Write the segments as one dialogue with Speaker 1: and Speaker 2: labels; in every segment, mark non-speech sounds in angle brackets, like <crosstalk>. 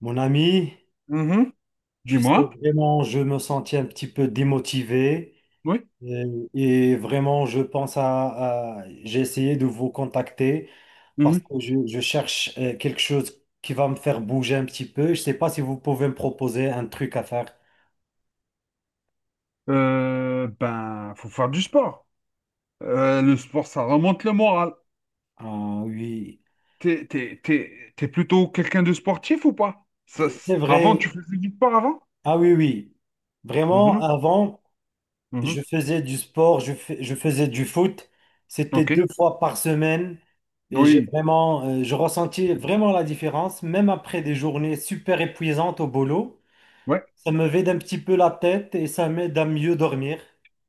Speaker 1: Mon ami,
Speaker 2: Mhm.
Speaker 1: tu sais,
Speaker 2: Dis-moi.
Speaker 1: vraiment, je me sentis un petit peu démotivé
Speaker 2: Oui.
Speaker 1: et, vraiment, je pense j'ai essayé de vous contacter parce
Speaker 2: Mhm.
Speaker 1: que je cherche quelque chose qui va me faire bouger un petit peu. Je ne sais pas si vous pouvez me proposer un truc à faire.
Speaker 2: Ben, faut faire du sport. Le sport, ça remonte le moral.
Speaker 1: Ah oui,
Speaker 2: T'es plutôt quelqu'un de sportif ou pas? Ça,
Speaker 1: c'est vrai.
Speaker 2: avant, tu faisais du sport avant?
Speaker 1: Ah oui, oui. Vraiment,
Speaker 2: Mhm.
Speaker 1: avant.
Speaker 2: Mhm.
Speaker 1: Je faisais du sport, je faisais du foot. C'était
Speaker 2: Ok.
Speaker 1: deux fois par semaine et j'ai
Speaker 2: Oui.
Speaker 1: vraiment, je ressentis vraiment la différence, même après des journées super épuisantes au boulot.
Speaker 2: Ouais.
Speaker 1: Ça me vide un petit peu la tête et ça m'aide à mieux dormir,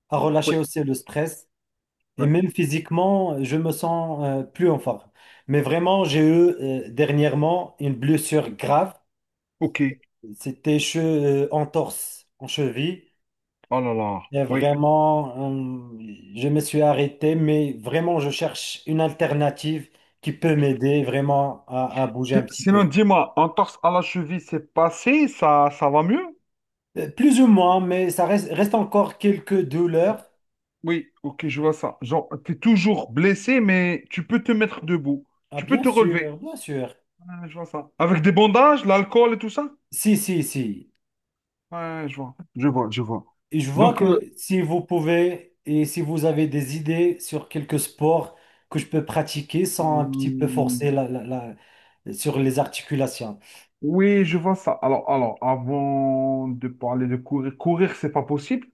Speaker 1: à
Speaker 2: Oui.
Speaker 1: relâcher aussi le stress. Et
Speaker 2: Ouais.
Speaker 1: même physiquement, je me sens plus en forme. Mais vraiment, j'ai eu dernièrement une blessure grave.
Speaker 2: Ok.
Speaker 1: Entorse en cheville.
Speaker 2: Oh là là.
Speaker 1: Et
Speaker 2: Oui.
Speaker 1: vraiment, je me suis arrêté, mais vraiment, je cherche une alternative qui peut m'aider vraiment à bouger un petit
Speaker 2: Sinon,
Speaker 1: peu.
Speaker 2: dis-moi, entorse à la cheville, c'est passé? Ça va mieux?
Speaker 1: Plus ou moins, mais ça reste encore quelques douleurs.
Speaker 2: Oui. Ok, je vois ça. Genre, t'es toujours blessé, mais tu peux te mettre debout.
Speaker 1: Ah,
Speaker 2: Tu peux
Speaker 1: bien
Speaker 2: te
Speaker 1: sûr,
Speaker 2: relever.
Speaker 1: bien sûr.
Speaker 2: Ouais, je vois ça. Avec des bandages, l'alcool et tout ça?
Speaker 1: Si, si, si.
Speaker 2: Ouais, je vois. Je vois, je vois.
Speaker 1: Et je vois
Speaker 2: Donc,
Speaker 1: que si vous pouvez et si vous avez des idées sur quelques sports que je peux pratiquer sans un petit peu
Speaker 2: hmm,
Speaker 1: forcer sur les articulations.
Speaker 2: oui, je vois ça. Alors, avant de parler de courir, courir, c'est pas possible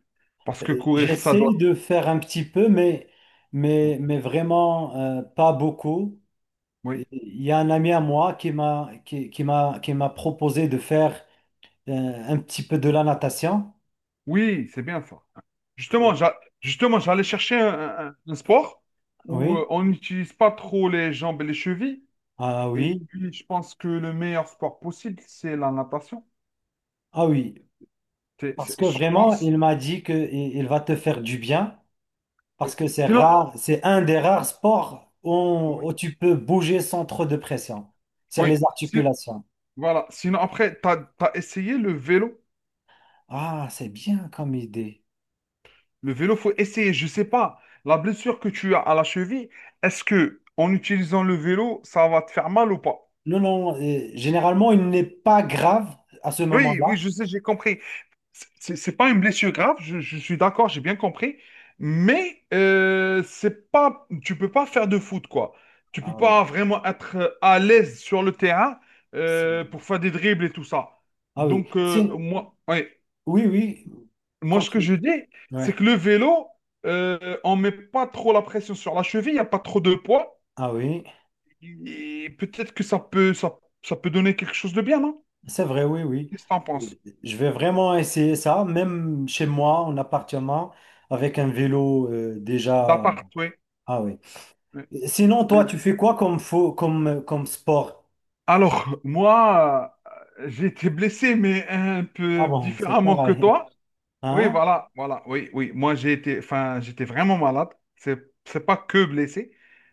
Speaker 2: parce que courir, ça
Speaker 1: J'essaie
Speaker 2: doit.
Speaker 1: de faire un petit peu, mais vraiment pas beaucoup.
Speaker 2: Oui,
Speaker 1: Il y a un ami à moi qui m'a proposé de faire euh, un petit peu de la natation.
Speaker 2: oui, c'est bien ça. Justement, justement, j'allais chercher un sport où
Speaker 1: Oui,
Speaker 2: on n'utilise pas trop les jambes et les chevilles.
Speaker 1: ah
Speaker 2: Et
Speaker 1: oui,
Speaker 2: puis, je pense que le meilleur sport possible, c'est la natation.
Speaker 1: ah oui. Parce que
Speaker 2: Je
Speaker 1: vraiment,
Speaker 2: pense.
Speaker 1: il m'a dit que il va te faire du bien,
Speaker 2: Oui.
Speaker 1: parce que c'est
Speaker 2: Sinon,
Speaker 1: rare, c'est un des rares sports
Speaker 2: oui,
Speaker 1: où tu peux bouger sans trop de pression sur
Speaker 2: oui.
Speaker 1: les articulations.
Speaker 2: Voilà. Sinon, après, tu as essayé le vélo.
Speaker 1: Ah, c'est bien comme idée.
Speaker 2: Le vélo, faut essayer. Je sais pas. La blessure que tu as à la cheville, est-ce que en utilisant le vélo, ça va te faire mal ou pas?
Speaker 1: Non, non, généralement, il n'est pas grave à ce
Speaker 2: Oui,
Speaker 1: moment-là.
Speaker 2: oui, je sais, j'ai compris. C'est pas une blessure grave, je suis d'accord, j'ai bien compris. Mais c'est pas, tu peux pas faire de foot, quoi. Tu peux
Speaker 1: Ah oui.
Speaker 2: pas vraiment être à l'aise sur le terrain
Speaker 1: C'est-
Speaker 2: pour faire des dribbles et tout ça.
Speaker 1: Ah oui.
Speaker 2: Donc,
Speaker 1: C'est-
Speaker 2: moi, oui,
Speaker 1: Oui, oui.
Speaker 2: moi, ce que
Speaker 1: Continue.
Speaker 2: je dis, c'est
Speaker 1: Ouais.
Speaker 2: que le vélo, on met pas trop la pression sur la cheville, il n'y a pas trop de poids.
Speaker 1: Ah oui.
Speaker 2: Et peut-être que ça peut donner quelque chose de bien, non?
Speaker 1: C'est vrai, oui, oui.
Speaker 2: Qu'est-ce que t'en penses?
Speaker 1: Je vais vraiment essayer ça, même chez moi, en appartement, avec un vélo déjà.
Speaker 2: D'appart, oui.
Speaker 1: Ah oui. Sinon, toi,
Speaker 2: Ouais.
Speaker 1: tu fais quoi comme, faux, comme sport?
Speaker 2: Alors, moi, j'ai été blessé, mais un
Speaker 1: Ah
Speaker 2: peu
Speaker 1: bon, c'est
Speaker 2: différemment que
Speaker 1: pareil.
Speaker 2: toi. Oui,
Speaker 1: Hein?
Speaker 2: voilà, voilà, oui, oui. Moi, j'ai été, enfin, j'étais vraiment malade. C'est, c'est pas que blessé.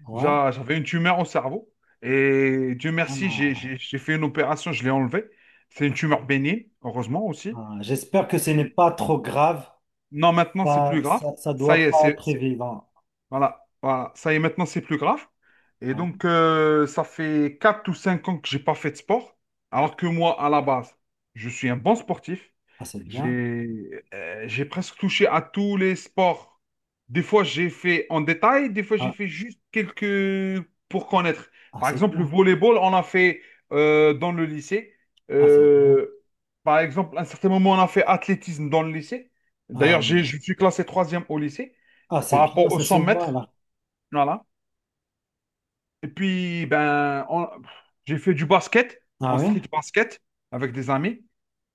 Speaker 1: Ouais.
Speaker 2: J'avais une tumeur au cerveau. Et Dieu merci, j'ai,
Speaker 1: Ah.
Speaker 2: j'ai- j'ai fait une opération, je l'ai enlevée. C'est une tumeur bénigne, heureusement aussi.
Speaker 1: Ah,
Speaker 2: Et
Speaker 1: j'espère que ce n'est
Speaker 2: puis,
Speaker 1: pas trop grave.
Speaker 2: non, maintenant, c'est plus grave.
Speaker 1: Ça
Speaker 2: Ça y
Speaker 1: doit
Speaker 2: est,
Speaker 1: pas
Speaker 2: c'est,
Speaker 1: être évident.
Speaker 2: voilà, voilà. Ça y est, maintenant, c'est plus grave. Et
Speaker 1: Ah oui.
Speaker 2: donc, ça fait 4 ou 5 ans que j'ai pas fait de sport. Alors que moi, à la base, je suis un bon sportif.
Speaker 1: Ah, c'est bien.
Speaker 2: J'ai j'ai presque touché à tous les sports. Des fois, j'ai fait en détail, des fois, j'ai
Speaker 1: Ah,
Speaker 2: fait juste quelques pour connaître.
Speaker 1: ah,
Speaker 2: Par
Speaker 1: c'est
Speaker 2: exemple, le
Speaker 1: bien.
Speaker 2: volleyball, on a fait dans le lycée.
Speaker 1: Ah, c'est bien.
Speaker 2: Euh, par exemple, à un certain moment, on a fait athlétisme dans le lycée.
Speaker 1: Ah,
Speaker 2: D'ailleurs, je suis classé troisième au lycée
Speaker 1: ah,
Speaker 2: par
Speaker 1: c'est bien,
Speaker 2: rapport aux
Speaker 1: ça se
Speaker 2: 100
Speaker 1: voit
Speaker 2: mètres.
Speaker 1: là.
Speaker 2: Voilà. Et puis, ben, j'ai fait du basket,
Speaker 1: Ah
Speaker 2: en
Speaker 1: oui?
Speaker 2: street basket, avec des amis.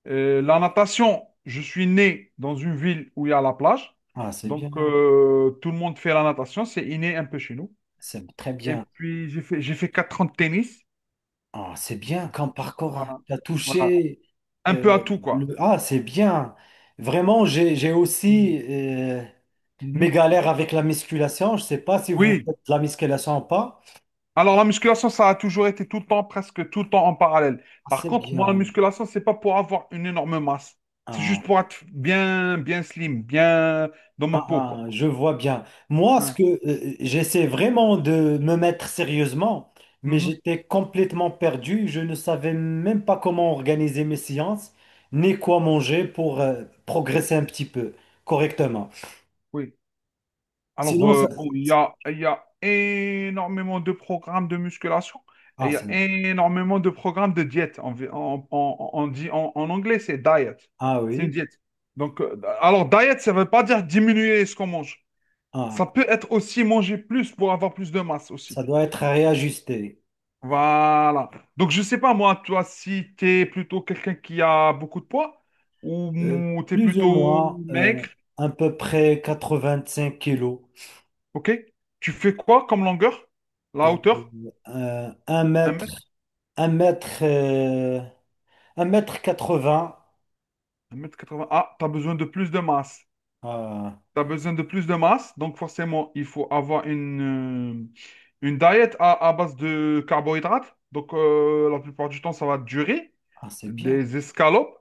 Speaker 2: La natation, je suis né dans une ville où il y a la plage.
Speaker 1: Ah, c'est
Speaker 2: Donc,
Speaker 1: bien.
Speaker 2: tout le monde fait la natation. C'est inné un peu chez nous.
Speaker 1: C'est très
Speaker 2: Et
Speaker 1: bien.
Speaker 2: puis, j'ai fait 4 ans de tennis.
Speaker 1: Ah, c'est bien comme parcours. Hein.
Speaker 2: Voilà.
Speaker 1: T'as
Speaker 2: Voilà.
Speaker 1: touché.
Speaker 2: Un
Speaker 1: euh,
Speaker 2: peu à tout, quoi.
Speaker 1: Ah, c'est bien. Vraiment, j'ai aussi
Speaker 2: Mm. Mhm.
Speaker 1: mes galères avec la musculation. Je ne sais pas si vous
Speaker 2: Oui.
Speaker 1: faites de la musculation ou pas.
Speaker 2: Alors, la musculation, ça a toujours été tout le temps, presque tout le temps en parallèle.
Speaker 1: Ah,
Speaker 2: Par
Speaker 1: c'est
Speaker 2: contre, moi, la
Speaker 1: bien.
Speaker 2: musculation, c'est pas pour avoir une énorme masse. C'est
Speaker 1: Ah.
Speaker 2: juste pour être bien, bien slim, bien dans ma
Speaker 1: Ah,
Speaker 2: peau, quoi.
Speaker 1: ah, je vois bien. Moi, ce
Speaker 2: Ouais.
Speaker 1: que j'essaie vraiment de me mettre sérieusement, mais
Speaker 2: Mhm.
Speaker 1: j'étais complètement perdu. Je ne savais même pas comment organiser mes séances, ni quoi manger pour progresser un petit peu correctement.
Speaker 2: Oui. Alors,
Speaker 1: Sinon,
Speaker 2: bon, il y a énormément de programmes de musculation et il y a
Speaker 1: Ça-
Speaker 2: énormément de programmes de diète. On, vi- on dit en anglais, c'est diet.
Speaker 1: ah
Speaker 2: C'est une
Speaker 1: oui,
Speaker 2: diète. Donc, alors, diet, ça ne veut pas dire diminuer ce qu'on mange. Ça
Speaker 1: ah,
Speaker 2: peut être aussi manger plus pour avoir plus de masse
Speaker 1: ça
Speaker 2: aussi.
Speaker 1: doit être réajusté.
Speaker 2: Voilà. Donc, je sais pas, moi, toi, si t'es plutôt quelqu'un qui a beaucoup de poids ou
Speaker 1: Euh,
Speaker 2: t'es
Speaker 1: Plus ou
Speaker 2: plutôt
Speaker 1: moins,
Speaker 2: maigre,
Speaker 1: à peu près 85 kilos,
Speaker 2: ok? Tu fais quoi comme longueur? La
Speaker 1: euh,
Speaker 2: hauteur?
Speaker 1: un
Speaker 2: Un
Speaker 1: mètre,
Speaker 2: mètre,
Speaker 1: un mètre. 1 m 80.
Speaker 2: Un mètre quatre-vingts. Ah, t'as besoin de plus de masse.
Speaker 1: euh,
Speaker 2: Tu as besoin de plus de masse, donc forcément, il faut avoir une diète à base de carbohydrates. Donc, la plupart du temps, ça va durer.
Speaker 1: ah, c'est bien.
Speaker 2: Des escalopes,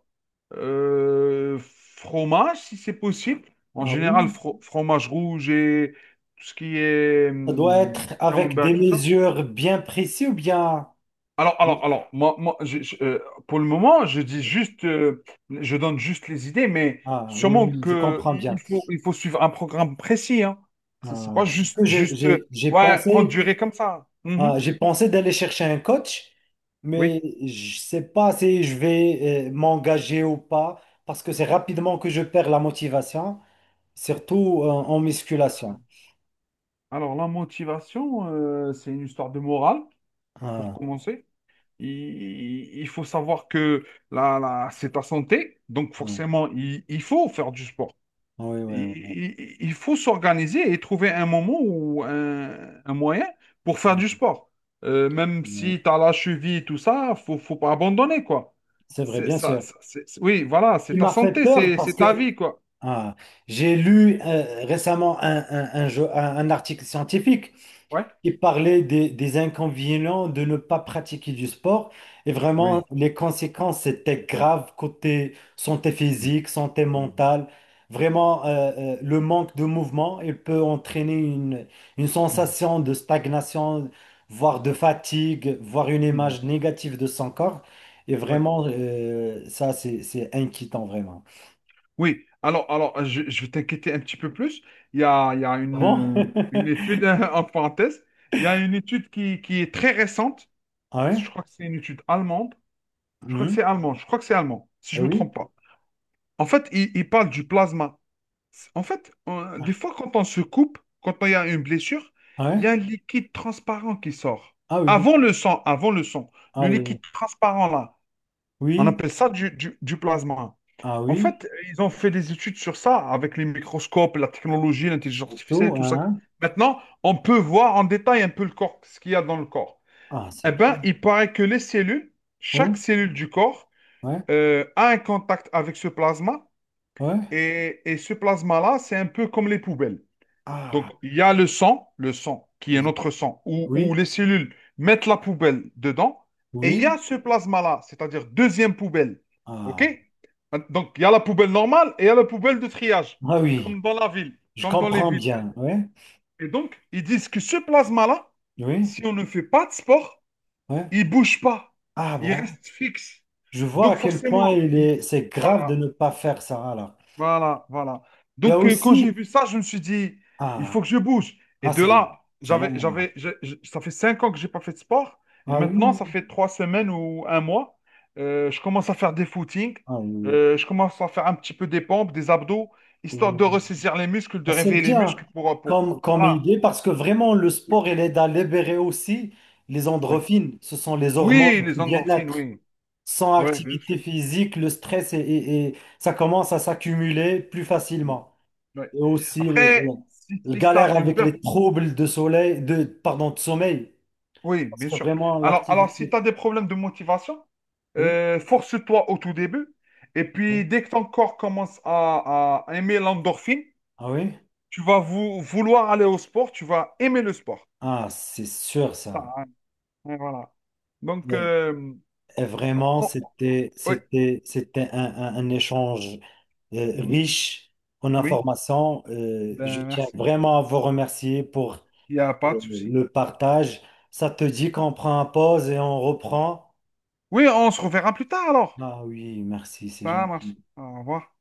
Speaker 2: euh, fromage, si c'est possible. En
Speaker 1: Ah
Speaker 2: général,
Speaker 1: oui.
Speaker 2: fromage rouge et tout ce qui est
Speaker 1: Ça doit être avec des
Speaker 2: camembert, tout ça.
Speaker 1: mesures bien précises ou bien...
Speaker 2: Alors, moi, pour le moment, je dis juste, je donne juste les idées, mais
Speaker 1: Ah oui,
Speaker 2: sûrement
Speaker 1: oui, je
Speaker 2: que
Speaker 1: comprends
Speaker 2: il il
Speaker 1: bien.
Speaker 2: faut, il faut suivre un programme précis, hein. C'est pas
Speaker 1: Euh,
Speaker 2: juste, juste,
Speaker 1: j'ai
Speaker 2: ouais, prendre
Speaker 1: pensé,
Speaker 2: durée comme ça. Mhm.
Speaker 1: ah, j'ai pensé d'aller chercher un coach,
Speaker 2: Oui.
Speaker 1: mais je sais pas si je vais m'engager ou pas, parce que c'est rapidement que je perds la motivation, surtout en musculation.
Speaker 2: Alors, la motivation, c'est une histoire de morale, pour
Speaker 1: Ah,
Speaker 2: commencer. Il, il faut savoir que là, là, c'est ta santé, donc
Speaker 1: ah,
Speaker 2: forcément, il faut faire du sport.
Speaker 1: oui, oui,
Speaker 2: Il, faut s'organiser et trouver un moment ou un moyen pour faire du sport. Même
Speaker 1: oui.
Speaker 2: si tu as la cheville et tout ça, faut pas abandonner, quoi.
Speaker 1: C'est vrai,
Speaker 2: C'est
Speaker 1: bien
Speaker 2: ça,
Speaker 1: sûr.
Speaker 2: oui, voilà, c'est
Speaker 1: Il
Speaker 2: ta
Speaker 1: m'a fait
Speaker 2: santé,
Speaker 1: peur
Speaker 2: c'est
Speaker 1: parce que
Speaker 2: ta vie, quoi.
Speaker 1: ah, j'ai lu récemment un article scientifique
Speaker 2: Ouais.
Speaker 1: qui parlait des inconvénients de ne pas pratiquer du sport et vraiment
Speaker 2: Oui.
Speaker 1: les conséquences étaient graves côté santé
Speaker 2: Mm,
Speaker 1: physique, santé
Speaker 2: mm,
Speaker 1: mentale. Vraiment, le manque de mouvement, il peut entraîner une sensation de stagnation, voire de fatigue, voire une
Speaker 2: mm, mm.
Speaker 1: image négative de son corps. Et
Speaker 2: Oui.
Speaker 1: vraiment, ça, c'est inquiétant, vraiment.
Speaker 2: Oui. Alors, je vais t'inquiéter un petit peu plus. Il y a
Speaker 1: Ah bon?
Speaker 2: une
Speaker 1: <laughs>
Speaker 2: étude, <laughs> en parenthèse, il y a une étude qui est très récente.
Speaker 1: Ah ouais?
Speaker 2: Je crois que c'est une étude allemande. Je crois que
Speaker 1: Mhm.
Speaker 2: c'est allemand. Je crois que c'est allemand, si je
Speaker 1: Ah
Speaker 2: ne me
Speaker 1: oui?
Speaker 2: trompe pas. En fait, il parle du plasma. En fait, des fois, quand on se coupe, quand il y a une blessure,
Speaker 1: Ah
Speaker 2: il
Speaker 1: ouais?
Speaker 2: y a un liquide transparent qui sort.
Speaker 1: Ah oui.
Speaker 2: Avant le sang,
Speaker 1: Ah
Speaker 2: le
Speaker 1: oui. Oui.
Speaker 2: liquide transparent là, on
Speaker 1: Oui.
Speaker 2: appelle ça du plasma.
Speaker 1: Ah
Speaker 2: En
Speaker 1: oui.
Speaker 2: fait, ils ont fait des études sur ça avec les microscopes, la technologie, l'intelligence artificielle, et
Speaker 1: Auto,
Speaker 2: tout ça.
Speaker 1: hein?
Speaker 2: Maintenant, on peut voir en détail un peu le corps, ce qu'il y a dans le corps.
Speaker 1: Ah, c'est
Speaker 2: Eh bien,
Speaker 1: bien.
Speaker 2: il paraît que les cellules,
Speaker 1: Ouais.
Speaker 2: chaque cellule du corps,
Speaker 1: Ouais.
Speaker 2: a un contact avec ce plasma
Speaker 1: Ouais.
Speaker 2: et ce plasma-là, c'est un peu comme les poubelles. Donc,
Speaker 1: Ah.
Speaker 2: il y a le sang qui est
Speaker 1: j-
Speaker 2: notre sang, où
Speaker 1: Oui.
Speaker 2: les cellules mettent la poubelle dedans, et il y
Speaker 1: Oui.
Speaker 2: a ce plasma-là, c'est-à-dire deuxième poubelle. OK?
Speaker 1: Ah.
Speaker 2: Donc, il y a la poubelle normale et il y a la poubelle de triage,
Speaker 1: Ah oui.
Speaker 2: comme dans la ville,
Speaker 1: Je
Speaker 2: comme dans les
Speaker 1: comprends
Speaker 2: villes.
Speaker 1: bien. Ouais.
Speaker 2: Et donc, ils disent que ce plasma-là,
Speaker 1: Oui.
Speaker 2: si on ne fait pas de sport,
Speaker 1: Ouais.
Speaker 2: il ne bouge pas,
Speaker 1: Ah
Speaker 2: il
Speaker 1: bon.
Speaker 2: reste fixe.
Speaker 1: Je vois à
Speaker 2: Donc,
Speaker 1: quel point
Speaker 2: forcément,
Speaker 1: il est, c'est grave de
Speaker 2: voilà,
Speaker 1: ne pas faire ça alors.
Speaker 2: voilà, voilà.
Speaker 1: Il y a
Speaker 2: Donc, quand j'ai
Speaker 1: aussi.
Speaker 2: vu ça, je me suis dit, il faut
Speaker 1: Ah.
Speaker 2: que je bouge. Et
Speaker 1: Ah,
Speaker 2: de là,
Speaker 1: c'est normal.
Speaker 2: ça fait cinq ans que j'ai pas fait de sport. Et
Speaker 1: Ah
Speaker 2: maintenant, ça
Speaker 1: oui.
Speaker 2: fait trois semaines ou un mois, je commence à faire des footings.
Speaker 1: Ah oui.
Speaker 2: Je commence à faire un petit peu des pompes, des abdos, histoire de
Speaker 1: Oui.
Speaker 2: ressaisir les muscles,
Speaker 1: Ah,
Speaker 2: de
Speaker 1: c'est
Speaker 2: réveiller les
Speaker 1: bien
Speaker 2: muscles pour.
Speaker 1: comme, comme
Speaker 2: Voilà.
Speaker 1: idée parce que vraiment le sport il aide à libérer aussi les
Speaker 2: Oui.
Speaker 1: endorphines, ce sont les hormones
Speaker 2: Oui, les
Speaker 1: du
Speaker 2: endorphines,
Speaker 1: bien-être.
Speaker 2: oui.
Speaker 1: Sans
Speaker 2: Oui, bien
Speaker 1: activité
Speaker 2: sûr.
Speaker 1: physique, le stress ça commence à s'accumuler plus facilement.
Speaker 2: Oui.
Speaker 1: Et aussi
Speaker 2: Après, si, si ça,
Speaker 1: galère
Speaker 2: une
Speaker 1: avec
Speaker 2: perte.
Speaker 1: les troubles de soleil, de, pardon, de sommeil.
Speaker 2: Oui,
Speaker 1: Parce
Speaker 2: bien
Speaker 1: que
Speaker 2: sûr.
Speaker 1: vraiment
Speaker 2: Alors, si tu
Speaker 1: l'activité.
Speaker 2: as des problèmes de motivation,
Speaker 1: Oui,
Speaker 2: force-toi au tout début. Et
Speaker 1: oui.
Speaker 2: puis, dès que ton corps commence à aimer l'endorphine,
Speaker 1: Ah oui?
Speaker 2: tu vas vouloir aller au sport, tu vas aimer le sport.
Speaker 1: Ah, c'est sûr ça.
Speaker 2: Ah, ouais, voilà. Donc,
Speaker 1: Et, et vraiment,
Speaker 2: on- ouais.
Speaker 1: c'était un échange.
Speaker 2: Mhm.
Speaker 1: Riche en
Speaker 2: Oui,
Speaker 1: informations. Je
Speaker 2: ben,
Speaker 1: tiens
Speaker 2: merci.
Speaker 1: vraiment à vous remercier pour
Speaker 2: Il n'y a
Speaker 1: euh,
Speaker 2: pas de souci.
Speaker 1: le partage. Ça te dit qu'on prend une pause et on reprend?
Speaker 2: Oui, on se reverra plus tard alors.
Speaker 1: Ah oui, merci, c'est
Speaker 2: Ça marche.
Speaker 1: gentil.
Speaker 2: Au revoir.